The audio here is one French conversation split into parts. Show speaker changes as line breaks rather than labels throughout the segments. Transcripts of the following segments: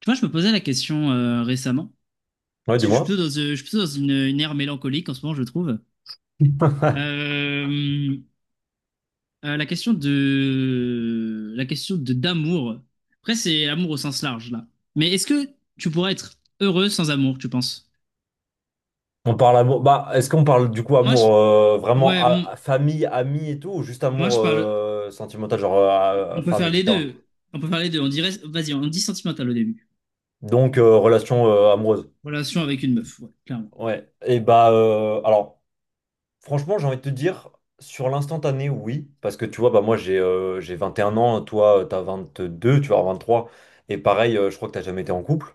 Tu vois, je me posais la question récemment,
Ouais,
parce que je suis plutôt
dis-moi.
dans une ère mélancolique en ce moment, je trouve. Euh, la question de d'amour. Après, c'est l'amour au sens large là. Mais est-ce que tu pourrais être heureux sans amour, tu penses?
On parle amour. Bah, est-ce qu'on parle du coup
Moi,
amour
je,
vraiment
ouais,
à,
m-
à famille, amis et tout, ou juste
moi
amour
je parle.
sentimental, genre à
On peut
femme,
faire les
etc.
deux. On peut faire les deux. On dirait, vas-y, on dit sentimental au début.
Donc relation amoureuse.
Relation avec une meuf, ouais, clairement.
Ouais. Et bah alors. Franchement, j'ai envie de te dire, sur l'instantané, oui. Parce que tu vois, bah, moi, j'ai 21 ans, toi, t'as 22, tu vas avoir 23. Et pareil, je crois que t'as jamais été en couple.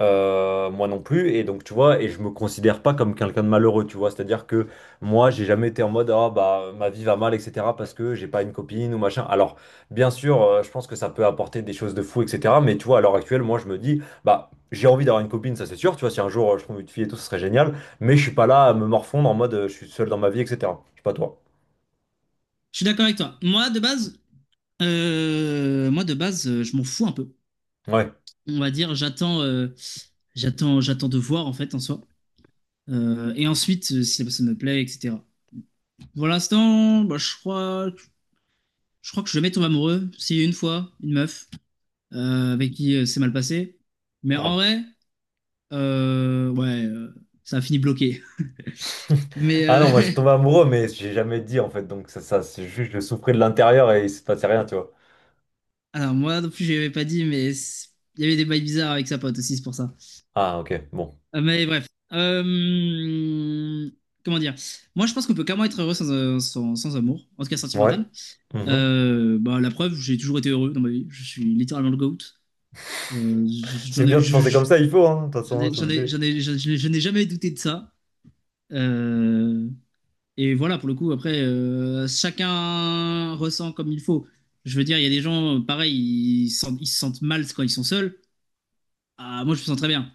Moi non plus. Et donc, tu vois, et je me considère pas comme quelqu'un de malheureux, tu vois. C'est-à-dire que moi, j'ai jamais été en mode, ah, bah, ma vie va mal, etc. parce que j'ai pas une copine ou machin. Alors, bien sûr, je pense que ça peut apporter des choses de fou, etc. Mais tu vois, à l'heure actuelle, moi, je me dis, bah, j'ai envie d'avoir une copine, ça c'est sûr. Tu vois, si un jour je trouve une fille et tout, ce serait génial. Mais je suis pas là à me morfondre en mode je suis seul dans ma vie, etc. Je suis pas toi.
Je suis d'accord avec toi. Moi de base, je m'en fous un peu.
Ouais.
On va dire, j'attends de voir en fait en soi. Et ensuite, si la personne me plaît, etc. Pour l'instant, bah, je crois que je vais jamais tomber amoureux. Si une fois, une meuf avec qui c'est mal passé. Mais en
Ah.
vrai, ouais, ça a fini bloqué. Mais
Ah non, moi je suis tombé amoureux, mais j'ai jamais dit en fait. Donc ça c'est juste je souffrais de l'intérieur et il se passait rien, tu vois.
alors moi non plus, je l'avais pas dit, il y avait des bails bizarres avec sa pote aussi, c'est pour ça.
Ah, ok, bon.
Mais bref. Euh, comment dire? Moi, je pense qu'on peut carrément être heureux sans amour, en tout cas
Ouais.
sentimental.
Mhm.
Bah, la preuve, j'ai toujours été heureux dans ma vie. Je suis littéralement le GOAT. Euh, je-
C'est
j'en ai,
bien de
je-
penser comme
je-
ça, il faut, hein, de toute façon, hein, c'est obligé.
je n'ai jamais douté de ça. Euh, et voilà, pour le coup, après, chacun ressent comme il faut. Je veux dire, il y a des gens, pareil, ils se sentent mal quand ils sont seuls. Ah, moi, je me sens très bien.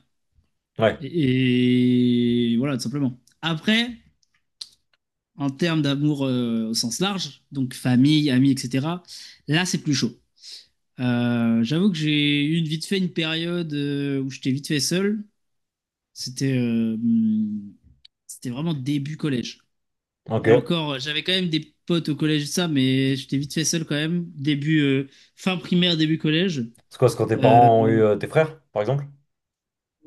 Ouais,
Et voilà, tout simplement. Après, en termes d'amour, au sens large, donc famille, amis, etc., là, c'est plus chaud. J'avoue que j'ai eu vite fait une période où j'étais vite fait seul. C'était euh, hum, C'était vraiment début collège. Et
ok.
encore, j'avais quand même des potes au collège, et ça, mais j'étais vite fait seul quand même. Début, fin primaire, début collège.
C'est quoi, c'est quand tes
Euh,
parents ont eu tes frères, par exemple?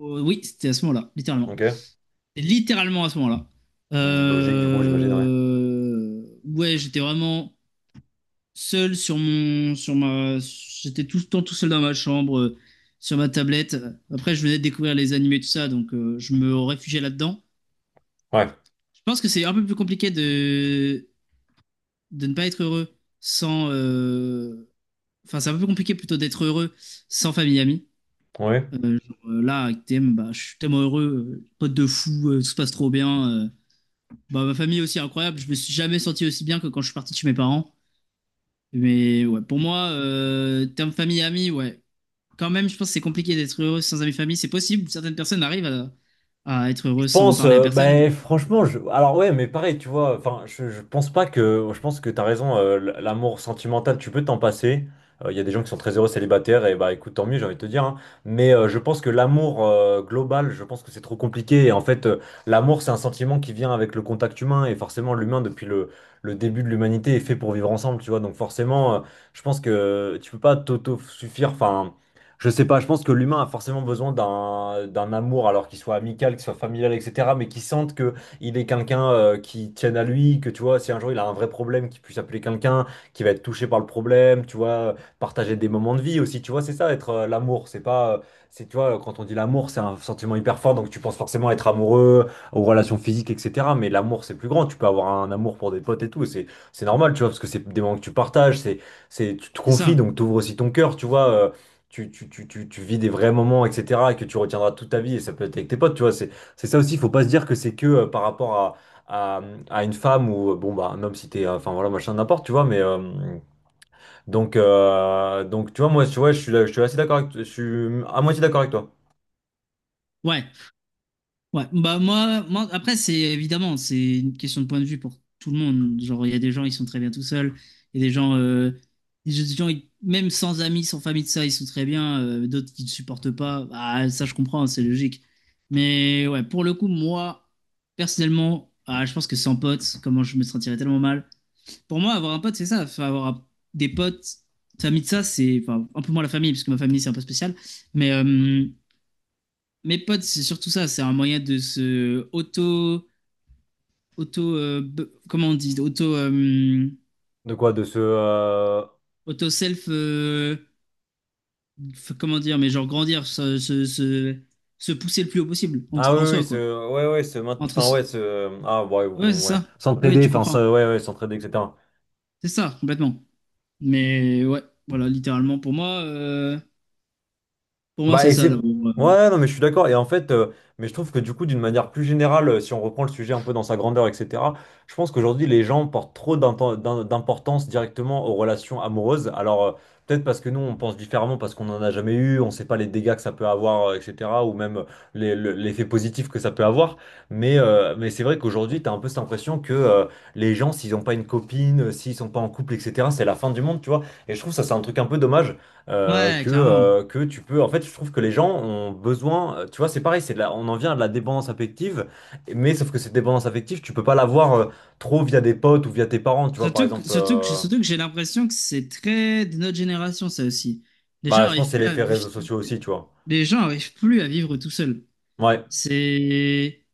oui, c'était à ce moment-là, littéralement.
Ok.
C'était littéralement à ce moment-là.
Logique du coup, j'imagine, ouais.
Ouais j'étais vraiment, seul sur mon, sur ma, j'étais tout le temps tout seul dans ma chambre, sur ma tablette. Après, je venais de découvrir les animés, tout ça, donc je me réfugiais là-dedans.
Ouais.
Je pense que c'est un peu plus compliqué de ne pas être heureux sans, enfin, c'est un peu plus compliqué plutôt d'être heureux sans famille et amis.
Ouais.
Genre, là, avec TM, bah, je suis tellement heureux, pote de fou, tout se passe trop bien. Bah, ma famille aussi incroyable, je me suis jamais senti aussi bien que quand je suis parti de chez mes parents. Mais ouais, pour moi, terme famille et amis, ouais, quand même, je pense que c'est compliqué d'être heureux sans amis famille. C'est possible, certaines personnes arrivent à être
Je
heureux sans en
pense,
parler à
ben,
personne.
franchement, alors ouais, mais pareil, tu vois, enfin, je pense pas que, je pense que t'as raison, l'amour sentimental, tu peux t'en passer. Il y a des gens qui sont très heureux célibataires, et bah écoute, tant mieux, j'ai envie de te dire, hein. Mais je pense que l'amour global, je pense que c'est trop compliqué. Et en fait, l'amour, c'est un sentiment qui vient avec le contact humain, et forcément, l'humain, depuis le début de l'humanité, est fait pour vivre ensemble, tu vois. Donc forcément, je pense que tu peux pas t'auto-suffire, enfin. Je sais pas, je pense que l'humain a forcément besoin d'un amour, alors qu'il soit amical, qu'il soit familial, etc., mais qu'il sente que il est quelqu'un qui tienne à lui, que tu vois, si un jour il a un vrai problème, qu'il puisse appeler quelqu'un qui va être touché par le problème, tu vois, partager des moments de vie aussi, tu vois, c'est ça être l'amour, c'est pas, c'est tu vois, quand on dit l'amour, c'est un sentiment hyper fort, donc tu penses forcément être amoureux, aux relations physiques, etc., mais l'amour c'est plus grand, tu peux avoir un amour pour des potes et tout, c'est normal, tu vois, parce que c'est des moments que tu partages, c'est tu te
C'est
confies,
ça.
donc t'ouvres aussi ton cœur, tu vois. Tu vis des vrais moments, etc., et que tu retiendras toute ta vie, et ça peut être avec tes potes, tu vois, c'est ça aussi, il faut pas se dire que c'est que par rapport à, à, à une femme ou, bon, bah, un homme si t'es, enfin, voilà, machin, n'importe, tu vois, mais, donc, tu vois, moi, tu vois, je suis, je suis assez d'accord avec, je suis à moitié d'accord avec toi.
Ouais, ouais. Bah moi, après, c'est évidemment c'est une question de point de vue pour tout le monde. Genre il y a des gens ils sont très bien tout seuls, il y a des gens, il y a des gens ils- même sans amis, sans famille de ça ils sont très bien. D'autres qui ne supportent pas. Bah, ça je comprends, c'est logique. Mais ouais, pour le coup moi personnellement, ah, je pense que sans potes, comment je me sentirais tellement mal. Pour moi, avoir un pote, c'est ça. Enfin, des potes, famille de ça, c'est enfin, un peu moins la famille, parce que ma famille, c'est un peu spécial. Mais mes potes, c'est surtout ça. C'est un moyen de se auto, auto, comment on dit, auto,
De quoi? De ce,
auto self, comment dire, mais genre grandir, se pousser le plus haut possible en,
ah oui,
en
oui,
soi,
ce,
quoi.
ouais, ouais, ce,
Entre,
enfin, ouais,
s-
ce, ah, ouais,
ouais, c'est
bon, ouais,
ça. Oui,
s'entraider,
tu
enfin,
comprends.
ça, ouais, ouais, s'entraider, etc.
C'est ça, complètement. Mais ouais, voilà, littéralement, pour moi,
Bah,
c'est
et
ça
c'est.
d'abord.
Ouais, ouais, non, mais je suis d'accord. Et en fait, mais je trouve que du coup, d'une manière plus générale, si on reprend le sujet un peu dans sa grandeur, etc., je pense qu'aujourd'hui, les gens portent trop d'importance directement aux relations amoureuses. Alors, peut-être parce que nous, on pense différemment, parce qu'on n'en a jamais eu, on ne sait pas les dégâts que ça peut avoir, etc., ou même l'effet positif que ça peut avoir. Mais c'est vrai qu'aujourd'hui, tu as un peu cette impression que les gens, s'ils n'ont pas une copine, s'ils sont pas en couple, etc., c'est la fin du monde, tu vois. Et je trouve ça, c'est un truc un peu dommage
Ouais,
que,
clairement.
euh, que tu peux. En fait, je trouve que les gens ont besoin. Tu vois, c'est pareil, c'est on en vient à de la dépendance affective, mais sauf que cette dépendance affective, tu peux pas l'avoir trop via des potes ou via tes parents. Tu vois, par exemple,
Surtout que j'ai l'impression que c'est très de notre génération, ça aussi. Les gens
bah, je pense que
arrivent
c'est
plus à
l'effet
vivre,
réseaux sociaux aussi, tu vois.
les gens arrivent plus à vivre tout seuls.
Ouais.
C'est,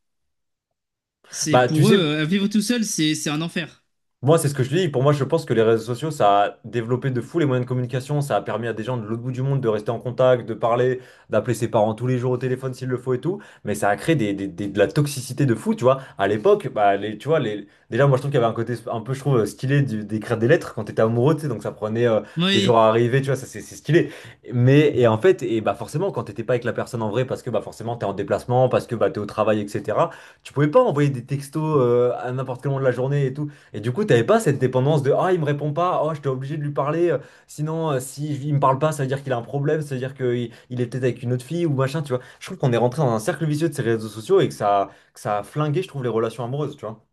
c'est
Bah, tu
pour eux,
sais,
vivre tout seul, c'est un enfer.
moi, c'est ce que je dis. Pour moi, je pense que les réseaux sociaux, ça a développé de fou les moyens de communication. Ça a permis à des gens de l'autre bout du monde de rester en contact, de parler, d'appeler ses parents tous les jours au téléphone s'il le faut et tout. Mais ça a créé de la toxicité de fou, tu vois. À l'époque, bah, les, tu vois, les, déjà, moi, je trouve qu'il y avait un côté un peu, je trouve, stylé d'écrire des lettres quand t'étais amoureux, tu sais. Donc, ça prenait des jours
Oui,
à arriver, tu vois, ça, c'est stylé. Mais, et en fait, et bah, forcément, quand t'étais pas avec la personne en vrai, parce que, bah, forcément, t'es en déplacement, parce que, bah, t'es au travail, etc., tu pouvais pas envoyer des textos à n'importe quel moment de la journée et tout. Et du coup, t'avais pas cette dépendance de ah, il me répond pas, oh, j'étais obligé de lui parler, sinon, si je- il me parle pas, ça veut dire qu'il a un problème, ça veut dire qu'il il est peut-être avec une autre fille ou machin, tu vois. Je trouve qu'on est rentré dans un cercle vicieux de ces réseaux sociaux et que ça a flingué, je trouve, les relations amoureuses, tu vois.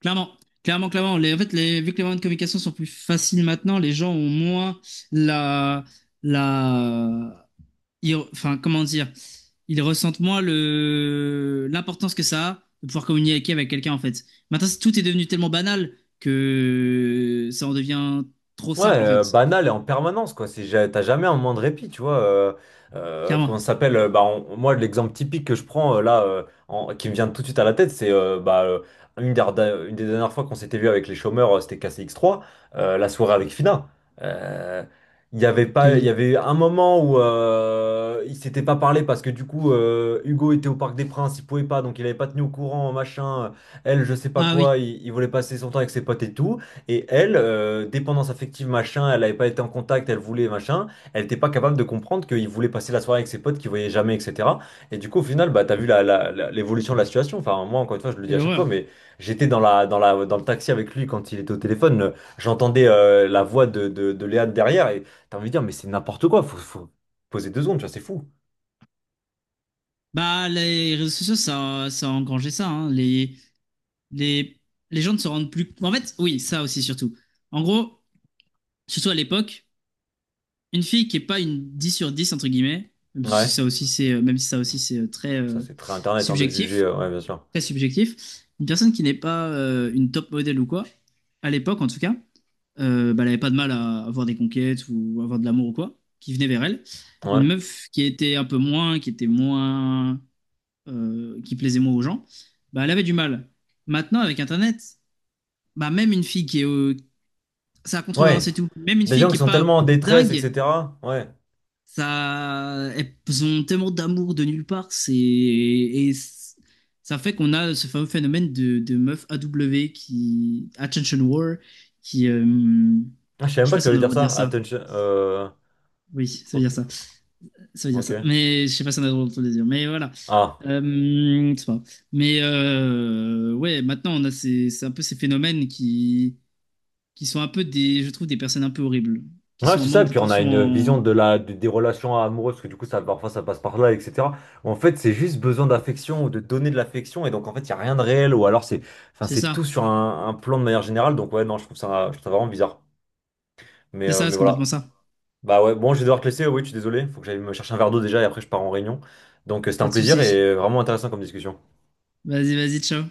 clairement. Clairement, clairement. Les, en fait, les, Vu que les moyens de communication sont plus faciles maintenant, les gens ont moins la, la, enfin, comment dire, ils ressentent moins l'importance que ça a de pouvoir communiquer avec quelqu'un, en fait. Maintenant, tout est devenu tellement banal que ça en devient trop
Ouais,
simple, en fait.
banal et en permanence, quoi. T'as jamais un moment de répit, tu vois.
Clairement.
Comment ça s'appelle? Bah, moi, l'exemple typique que je prends là, qui me vient tout de suite à la tête, c'est bah, une des dernières fois qu'on s'était vu avec les chômeurs, c'était K C x 3 la soirée avec Fina. Euh, Il y avait pas, il y
Quelle-
avait un moment où ils s'étaient pas parlé parce que du coup, Hugo était au Parc des Princes, il pouvait pas, donc il avait pas tenu au courant, machin. Elle, je sais pas
Ah oui,
quoi, il voulait passer son temps avec ses potes et tout. Et elle, dépendance affective, machin, elle n'avait pas été en contact, elle voulait, machin, elle n'était pas capable de comprendre qu'il voulait passer la soirée avec ses potes qu'il voyait jamais, etc. Et du coup, au final, bah, t'as vu l'évolution de la situation. Enfin, moi, encore une fois, je le dis
quelle
à chaque fois,
horreur.
mais j'étais dans le taxi avec lui quand il était au téléphone, j'entendais la voix de Léane derrière, et t'as envie de dire, mais c'est n'importe quoi, faut poser deux secondes, tu vois, c'est fou.
Bah, les réseaux sociaux, ça a engrangé ça, hein. Les, les gens ne se rendent plus. En fait, oui, ça aussi, surtout. En gros, surtout à l'époque, une fille qui est pas une 10 sur 10 entre guillemets, même si
Ouais,
ça aussi, c'est très,
ça c'est très Internet hein, de juger,
subjectif.
ouais, bien sûr.
Très subjectif, une personne qui n'est pas une top modèle ou quoi, à l'époque en tout cas, bah, elle n'avait pas de mal à avoir des conquêtes ou avoir de l'amour ou quoi, qui venait vers elle. Une
Ouais,
meuf qui était un peu moins, qui était moins, qui plaisait moins aux gens, bah, elle avait du mal. Maintenant, avec Internet, bah, même une fille qui est, ça a
ouais,
contrebalancé tout. Même une
des
fille
gens
qui
qui
est
sont
pas
tellement en détresse,
dingue,
etc. Ouais.
ça, elles ont tellement d'amour de nulle part, ça fait qu'on a ce fameux phénomène de meuf AW qui attention whore qui
Ah, je savais
je
même
sais
pas
pas
que ça
si on a
veut
le
dire
droit de dire
ça.
ça.
Attention.
Oui,
Je
ça veut
crois que.
dire ça. Ça veut dire ça.
Ok.
Mais je sais pas si on a le droit de le dire. Mais voilà.
Ah.
C'est pas grave. Mais ouais, maintenant c'est un peu ces phénomènes qui sont un peu des, je trouve, des personnes un peu horribles, qui
Ouais,
sont en
c'est ça.
manque
Et puis on a
d'attention.
une
en-
vision de la, des relations amoureuses, parce que du coup, ça, parfois, ça passe par là, etc. En fait, c'est juste besoin d'affection ou de donner de l'affection. Et donc, en fait, il n'y a rien de réel. Ou alors, c'est, enfin,
C'est
c'est
ça.
tout sur un plan de manière générale. Donc, ouais, non, je trouve ça vraiment bizarre.
C'est ça,
Mais
c'est complètement
voilà.
ça.
Bah ouais, bon, je vais devoir te laisser. Oui, je suis désolé. Faut que j'aille me chercher un verre d'eau déjà. Et après, je pars en réunion. Donc, c'était
Pas
un
de
plaisir
souci.
et vraiment intéressant comme discussion.
Vas-y, vas-y, ciao.